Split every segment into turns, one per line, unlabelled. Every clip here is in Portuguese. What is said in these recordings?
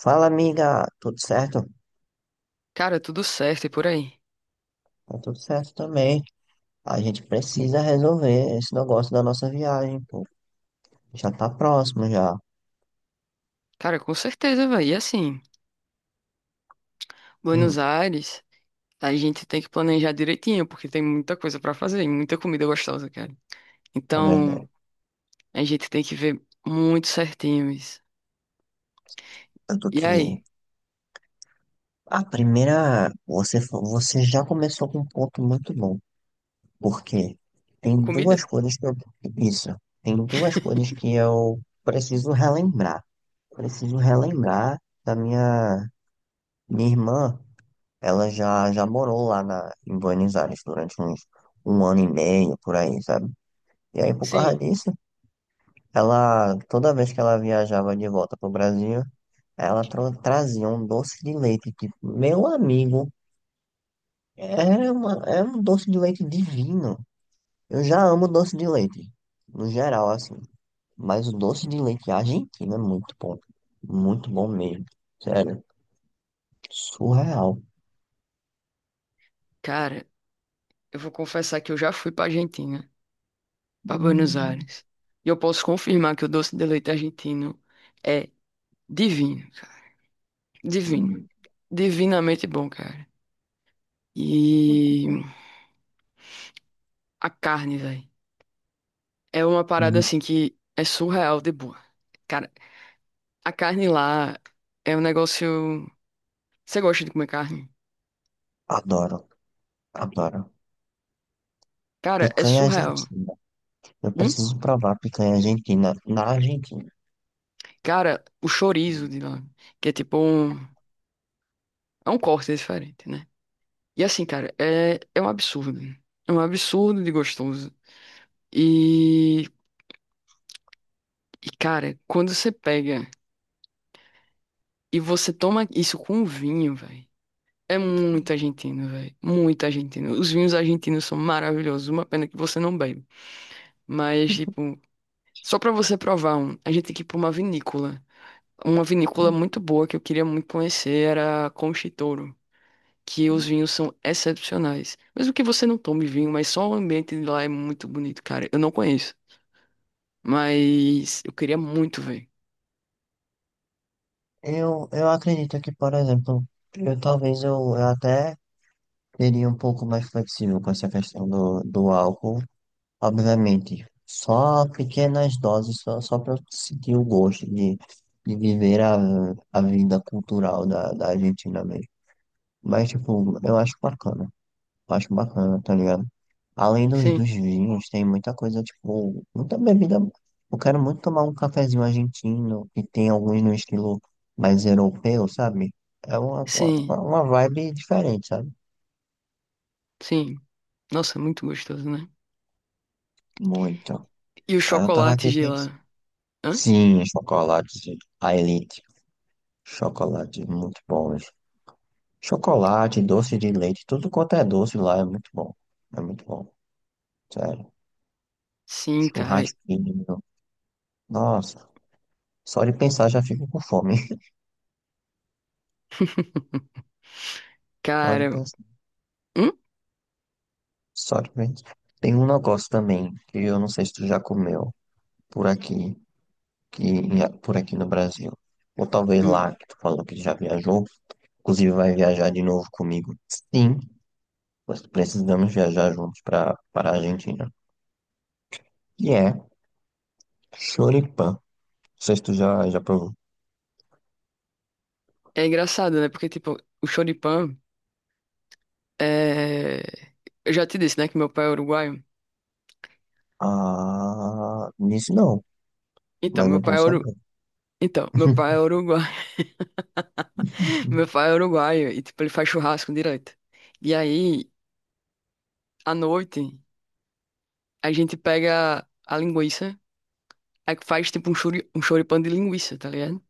Fala, amiga, tudo certo?
Cara, tudo certo e por aí.
Tá tudo certo também. A gente precisa resolver esse negócio da nossa viagem, pô. Já tá próximo já.
Cara, com certeza, velho. E assim, Buenos
Hum,
Aires, a gente tem que planejar direitinho, porque tem muita coisa pra fazer e muita comida gostosa, cara.
é
Então,
verdade.
a gente tem que ver muito certinho isso.
Eu tô
E
aqui.
aí,
A primeira, você, você já começou com um ponto muito bom, porque tem
comida?
duas coisas que isso, tem duas coisas que eu preciso relembrar. Preciso relembrar da minha irmã. Ela já morou em Buenos Aires durante uns um ano e meio, por aí, sabe? E aí, por causa
Sim.
disso, ela, toda vez que ela viajava de volta pro Brasil, ela trazia um doce de leite, que, meu amigo, era um doce de leite divino. Eu já amo doce de leite, no geral, assim. Mas o doce de leite argentino é muito bom. Muito bom mesmo. Sério, surreal.
Cara, eu vou confessar que eu já fui pra Argentina, pra Buenos Aires. E eu posso confirmar que o doce de leite argentino é divino, cara. Divino. Divinamente bom, cara. E a carne, velho. É uma parada assim que é surreal de boa. Cara, a carne lá é um negócio. Você gosta de comer carne?
Adoro. Adoro.
Cara, é
Picanha
surreal.
argentina. Eu
Hum?
preciso provar picanha argentina na Argentina.
Cara, o chorizo de lá, que é tipo um. É um corte diferente, né? E assim, cara, é um absurdo. É um absurdo de gostoso. E, e, cara, quando você pega e você toma isso com vinho, velho. É muito argentino, velho. Muito argentino. Os vinhos argentinos são maravilhosos. Uma pena que você não bebe. Mas, tipo. Só pra você provar um, a gente tem que ir pra uma vinícola. Uma vinícola muito boa que eu queria muito conhecer era a Conchitouro, que os vinhos são excepcionais. Mesmo que você não tome vinho, mas só o ambiente de lá é muito bonito, cara. Eu não conheço, mas eu queria muito ver.
Eu acredito que, por exemplo, eu talvez eu até seria um pouco mais flexível com essa questão do álcool. Obviamente, só pequenas doses, só para sentir o gosto de viver a vida cultural da Argentina mesmo. Mas, tipo, eu acho bacana. Acho bacana, tá ligado? Além
Sim,
dos vinhos, tem muita coisa, tipo, muita bebida. Eu quero muito tomar um cafezinho argentino, e tem alguns no estilo mais europeu, sabe? É
sim,
uma vibe diferente, sabe?
sim. Nossa, muito gostoso, né?
Muito.
E os
Aí eu tava
chocolates
aqui
de
pensando.
lá? Hã?
Sim, chocolate, sim. A Elite. Chocolate, muito bom. Chocolate, doce de leite, tudo quanto é doce lá é muito bom. É muito bom, sério.
Sim, cara.
Churrasquinho. Nossa, só de pensar já fico com fome. Só de
Cara,
pensar.
hum?
Só de pensar. Tem um negócio também, que eu não sei se tu já comeu por aqui, que, por aqui no Brasil. Ou talvez
Hum.
lá, que tu falou que já viajou. Inclusive vai viajar de novo comigo. Sim, nós precisamos viajar juntos para a Argentina. E é choripã. Não sei se tu já provou.
É engraçado, né? Porque, tipo, o choripan. É. Eu já te disse, né, que meu pai é uruguaio.
Ah, nisso não,
Então,
mas é
meu
bom
pai é uru...
saber.
Então, meu pai é uruguaio. Meu pai é uruguaio e, tipo, ele faz churrasco direto. E aí, à noite, a gente pega a linguiça, aí faz, tipo, um choripã de linguiça, tá ligado?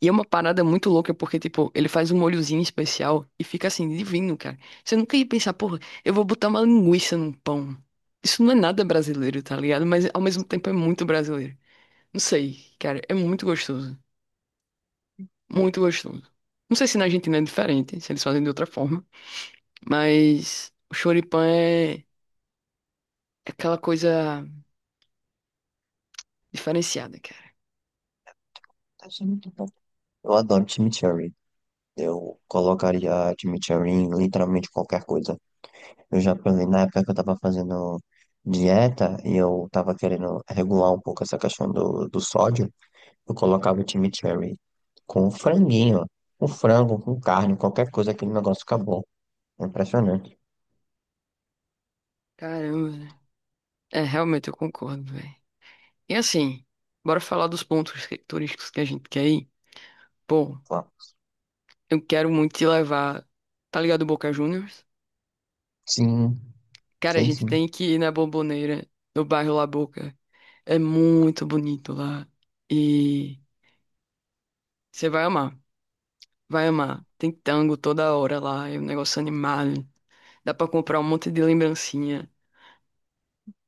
E é uma parada muito louca, porque, tipo, ele faz um molhozinho especial e fica, assim, divino, cara. Você nunca ia pensar, porra, eu vou botar uma linguiça num pão. Isso não é nada brasileiro, tá ligado? Mas, ao mesmo tempo, é muito brasileiro. Não sei, cara, é muito gostoso. Muito gostoso. Não sei se na Argentina é diferente, se eles fazem de outra forma, mas o choripã é aquela coisa diferenciada, cara.
Deve muito bom. Eu adoro chimichurri. Eu colocaria chimichurri em literalmente qualquer coisa. Eu já provei na época que eu tava fazendo dieta e eu tava querendo regular um pouco essa questão do sódio, eu colocava o chimichurri com um franguinho, com frango, com carne, qualquer coisa, aquele negócio acabou. É impressionante.
Caramba, né? É, realmente eu concordo, velho. E assim, bora falar dos pontos turísticos que a gente quer ir. Pô,
Ó,
eu quero muito te levar, tá ligado, Boca Juniors?
sim,
Cara, a
sei
gente
sim,
tem que ir na Bomboneira, no bairro La Boca. É muito bonito lá. E você vai amar, vai amar. Tem tango toda hora lá, é um negócio animado. Dá pra comprar um monte de lembrancinha.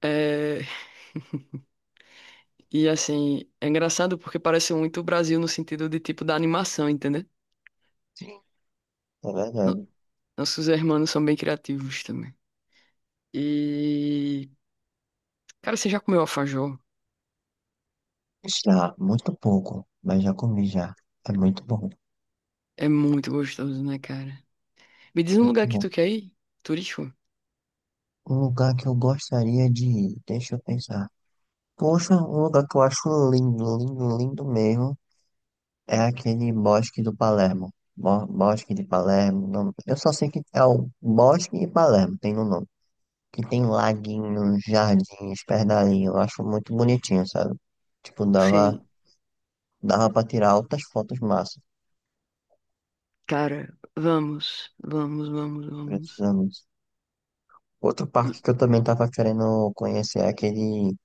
É, e assim, é engraçado porque parece muito o Brasil no sentido de tipo da animação, entendeu?
é
No-
verdade.
Nossos irmãos são bem criativos também. E, cara, você já comeu alfajor?
Já, muito pouco, mas já comi já. É muito bom,
É muito gostoso, né, cara? Me diz um lugar
muito
que
bom.
tu quer ir? Turístico?
Um lugar que eu gostaria de ir, deixa eu pensar. Poxa, um lugar que eu acho lindo, lindo, lindo mesmo. É aquele bosque do Palermo. Bosque de Palermo. Eu só sei que é o Bosque de Palermo, tem no nome. Que tem laguinhos, jardins, pedalinho. Eu acho muito bonitinho, sabe? Tipo,
Sim.
dava pra tirar altas fotos massas.
Cara, vamos, vamos, vamos, vamos.
Precisamos. Outro parque que eu também tava querendo conhecer é aquele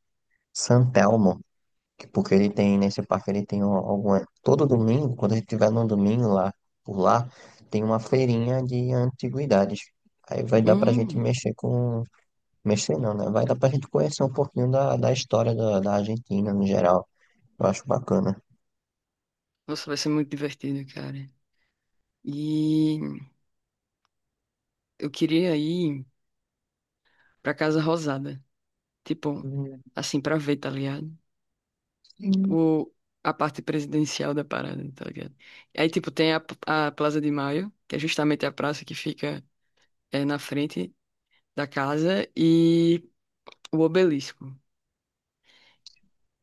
San Telmo. Porque ele tem, nesse parque, ele tem alguma. Todo domingo, quando a gente tiver num domingo lá, por lá, tem uma feirinha de antiguidades. Aí vai dar pra gente
Hum,
mexer com. Mexer não, né? Vai dar pra gente conhecer um pouquinho da história da Argentina no geral. Eu acho bacana.
nossa, vai ser muito divertido, cara. E eu queria ir pra Casa Rosada. Tipo,
Hum,
assim, pra ver, tá ligado?
sim.
O, a parte presidencial da parada, tá ligado? Aí, tipo, tem a Plaza de Maio, que é justamente a praça que fica na frente da casa, e o Obelisco.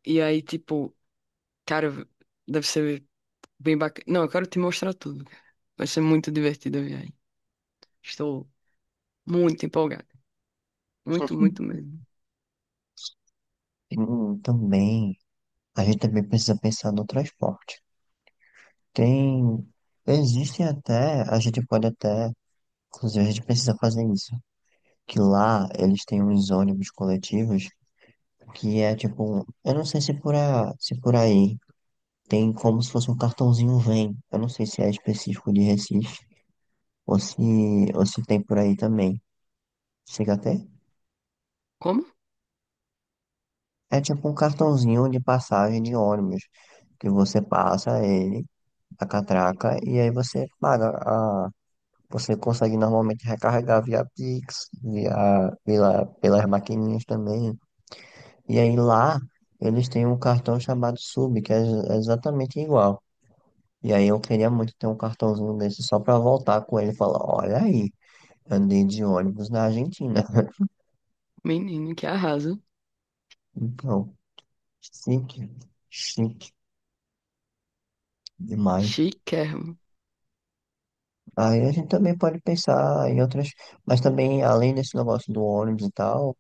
E aí, tipo, cara, deve ser bem bacana. Não, eu quero te mostrar tudo, cara. Vai ser muito divertido a viagem. Estou muito empolgado. Muito, muito mesmo.
Também, a gente também precisa pensar no transporte. Tem, existem até, a gente pode até, inclusive a gente precisa fazer isso, que lá eles têm uns ônibus coletivos que é tipo, eu não sei se se por aí tem como se fosse um cartãozinho Vem. Eu não sei se é específico de Recife ou se, ou se tem por aí também. Chega até?
Como?
É tipo um cartãozinho de passagem de ônibus que você passa ele, a catraca, e aí você paga a. Você consegue normalmente recarregar via Pix, pelas maquininhas também. E aí lá eles têm um cartão chamado Sub, que é é exatamente igual. E aí eu queria muito ter um cartãozinho desse só pra voltar com ele e falar, olha aí, andei de ônibus na Argentina.
Menino, que arraso.
Então, chique, chique demais.
Chiquérrimo.
Aí a gente também pode pensar em outras, mas também além desse negócio do ônibus e tal,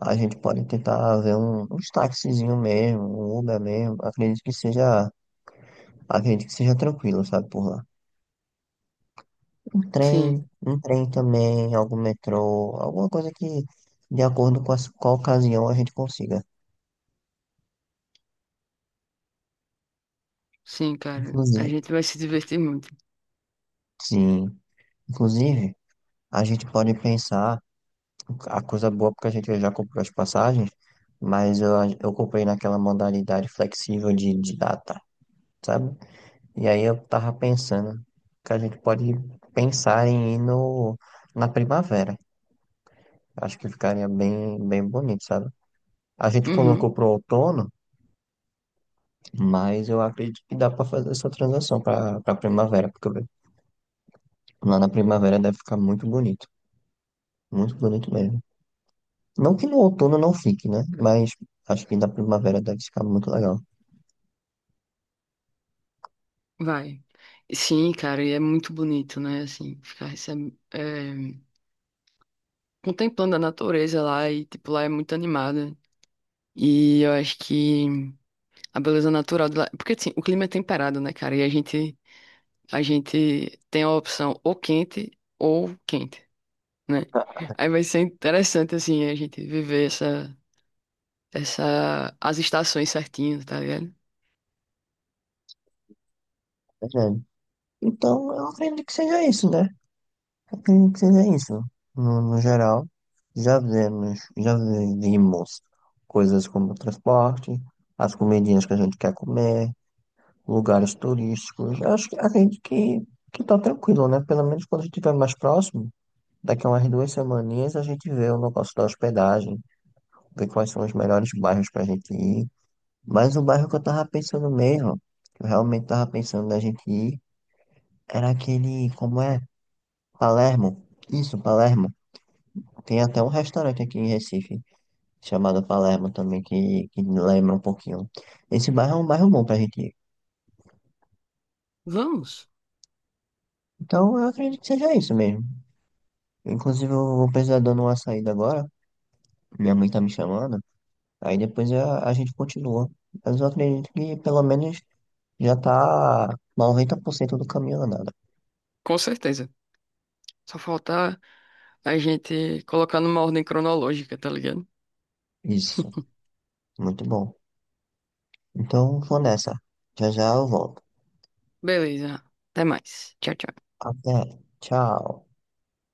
a gente pode tentar ver uns taxizinho mesmo, um Uber mesmo. Acredito que seja tranquilo, sabe, por lá.
Sim,
Um trem também, algum metrô, alguma coisa que de acordo com a ocasião a gente consiga.
sim, cara. A
Inclusive,
gente vai se divertir muito.
sim. Inclusive, a gente pode pensar, a coisa boa, porque a gente já comprou as passagens, mas eu comprei naquela modalidade flexível de data, sabe? E aí eu tava pensando que a gente pode pensar em ir no, na primavera. Acho que ficaria bem, bem bonito, sabe? A gente
Uhum.
colocou pro outono, mas eu acredito que dá para fazer essa transação para primavera, porque lá na primavera deve ficar muito bonito. Muito bonito mesmo. Não que no outono não fique, né? Mas acho que na primavera deve ficar muito legal.
Vai. Sim, cara, e é muito bonito, né? Assim, ficar contemplando a natureza lá e, tipo, lá é muito animada. E eu acho que a beleza natural de lá. Porque, assim, o clima é temperado, né, cara? E a gente tem a opção ou quente, né? Aí vai ser interessante, assim, a gente viver as estações certinho, tá ligado?
É verdade. Então, eu acredito que seja isso, né? Eu acredito que seja isso. No geral, já vimos coisas como transporte, as comidinhas que a gente quer comer, lugares turísticos. Eu acho que acredito que tá tranquilo, né? Pelo menos quando a gente estiver mais próximo, daqui a umas duas semaninhas a gente vê o negócio da hospedagem, vê quais são os melhores bairros pra gente ir. Mas o bairro que eu tava pensando mesmo, que eu realmente tava pensando da gente ir, era aquele, como é? Palermo. Isso, Palermo. Tem até um restaurante aqui em Recife, chamado Palermo também, que lembra um pouquinho. Esse bairro é um bairro bom pra gente ir.
Vamos,
Então eu acredito que seja isso mesmo. Inclusive eu vou precisar dando uma saída agora, minha mãe tá me chamando, aí depois a gente continua. Mas eu acredito que pelo menos já tá 90% do caminho andado.
com certeza. Só falta a gente colocar numa ordem cronológica, tá ligado?
Isso, muito bom. Então vou nessa. Já já eu volto.
Beleza. Até mais. Tchau, tchau.
Até. Tchau.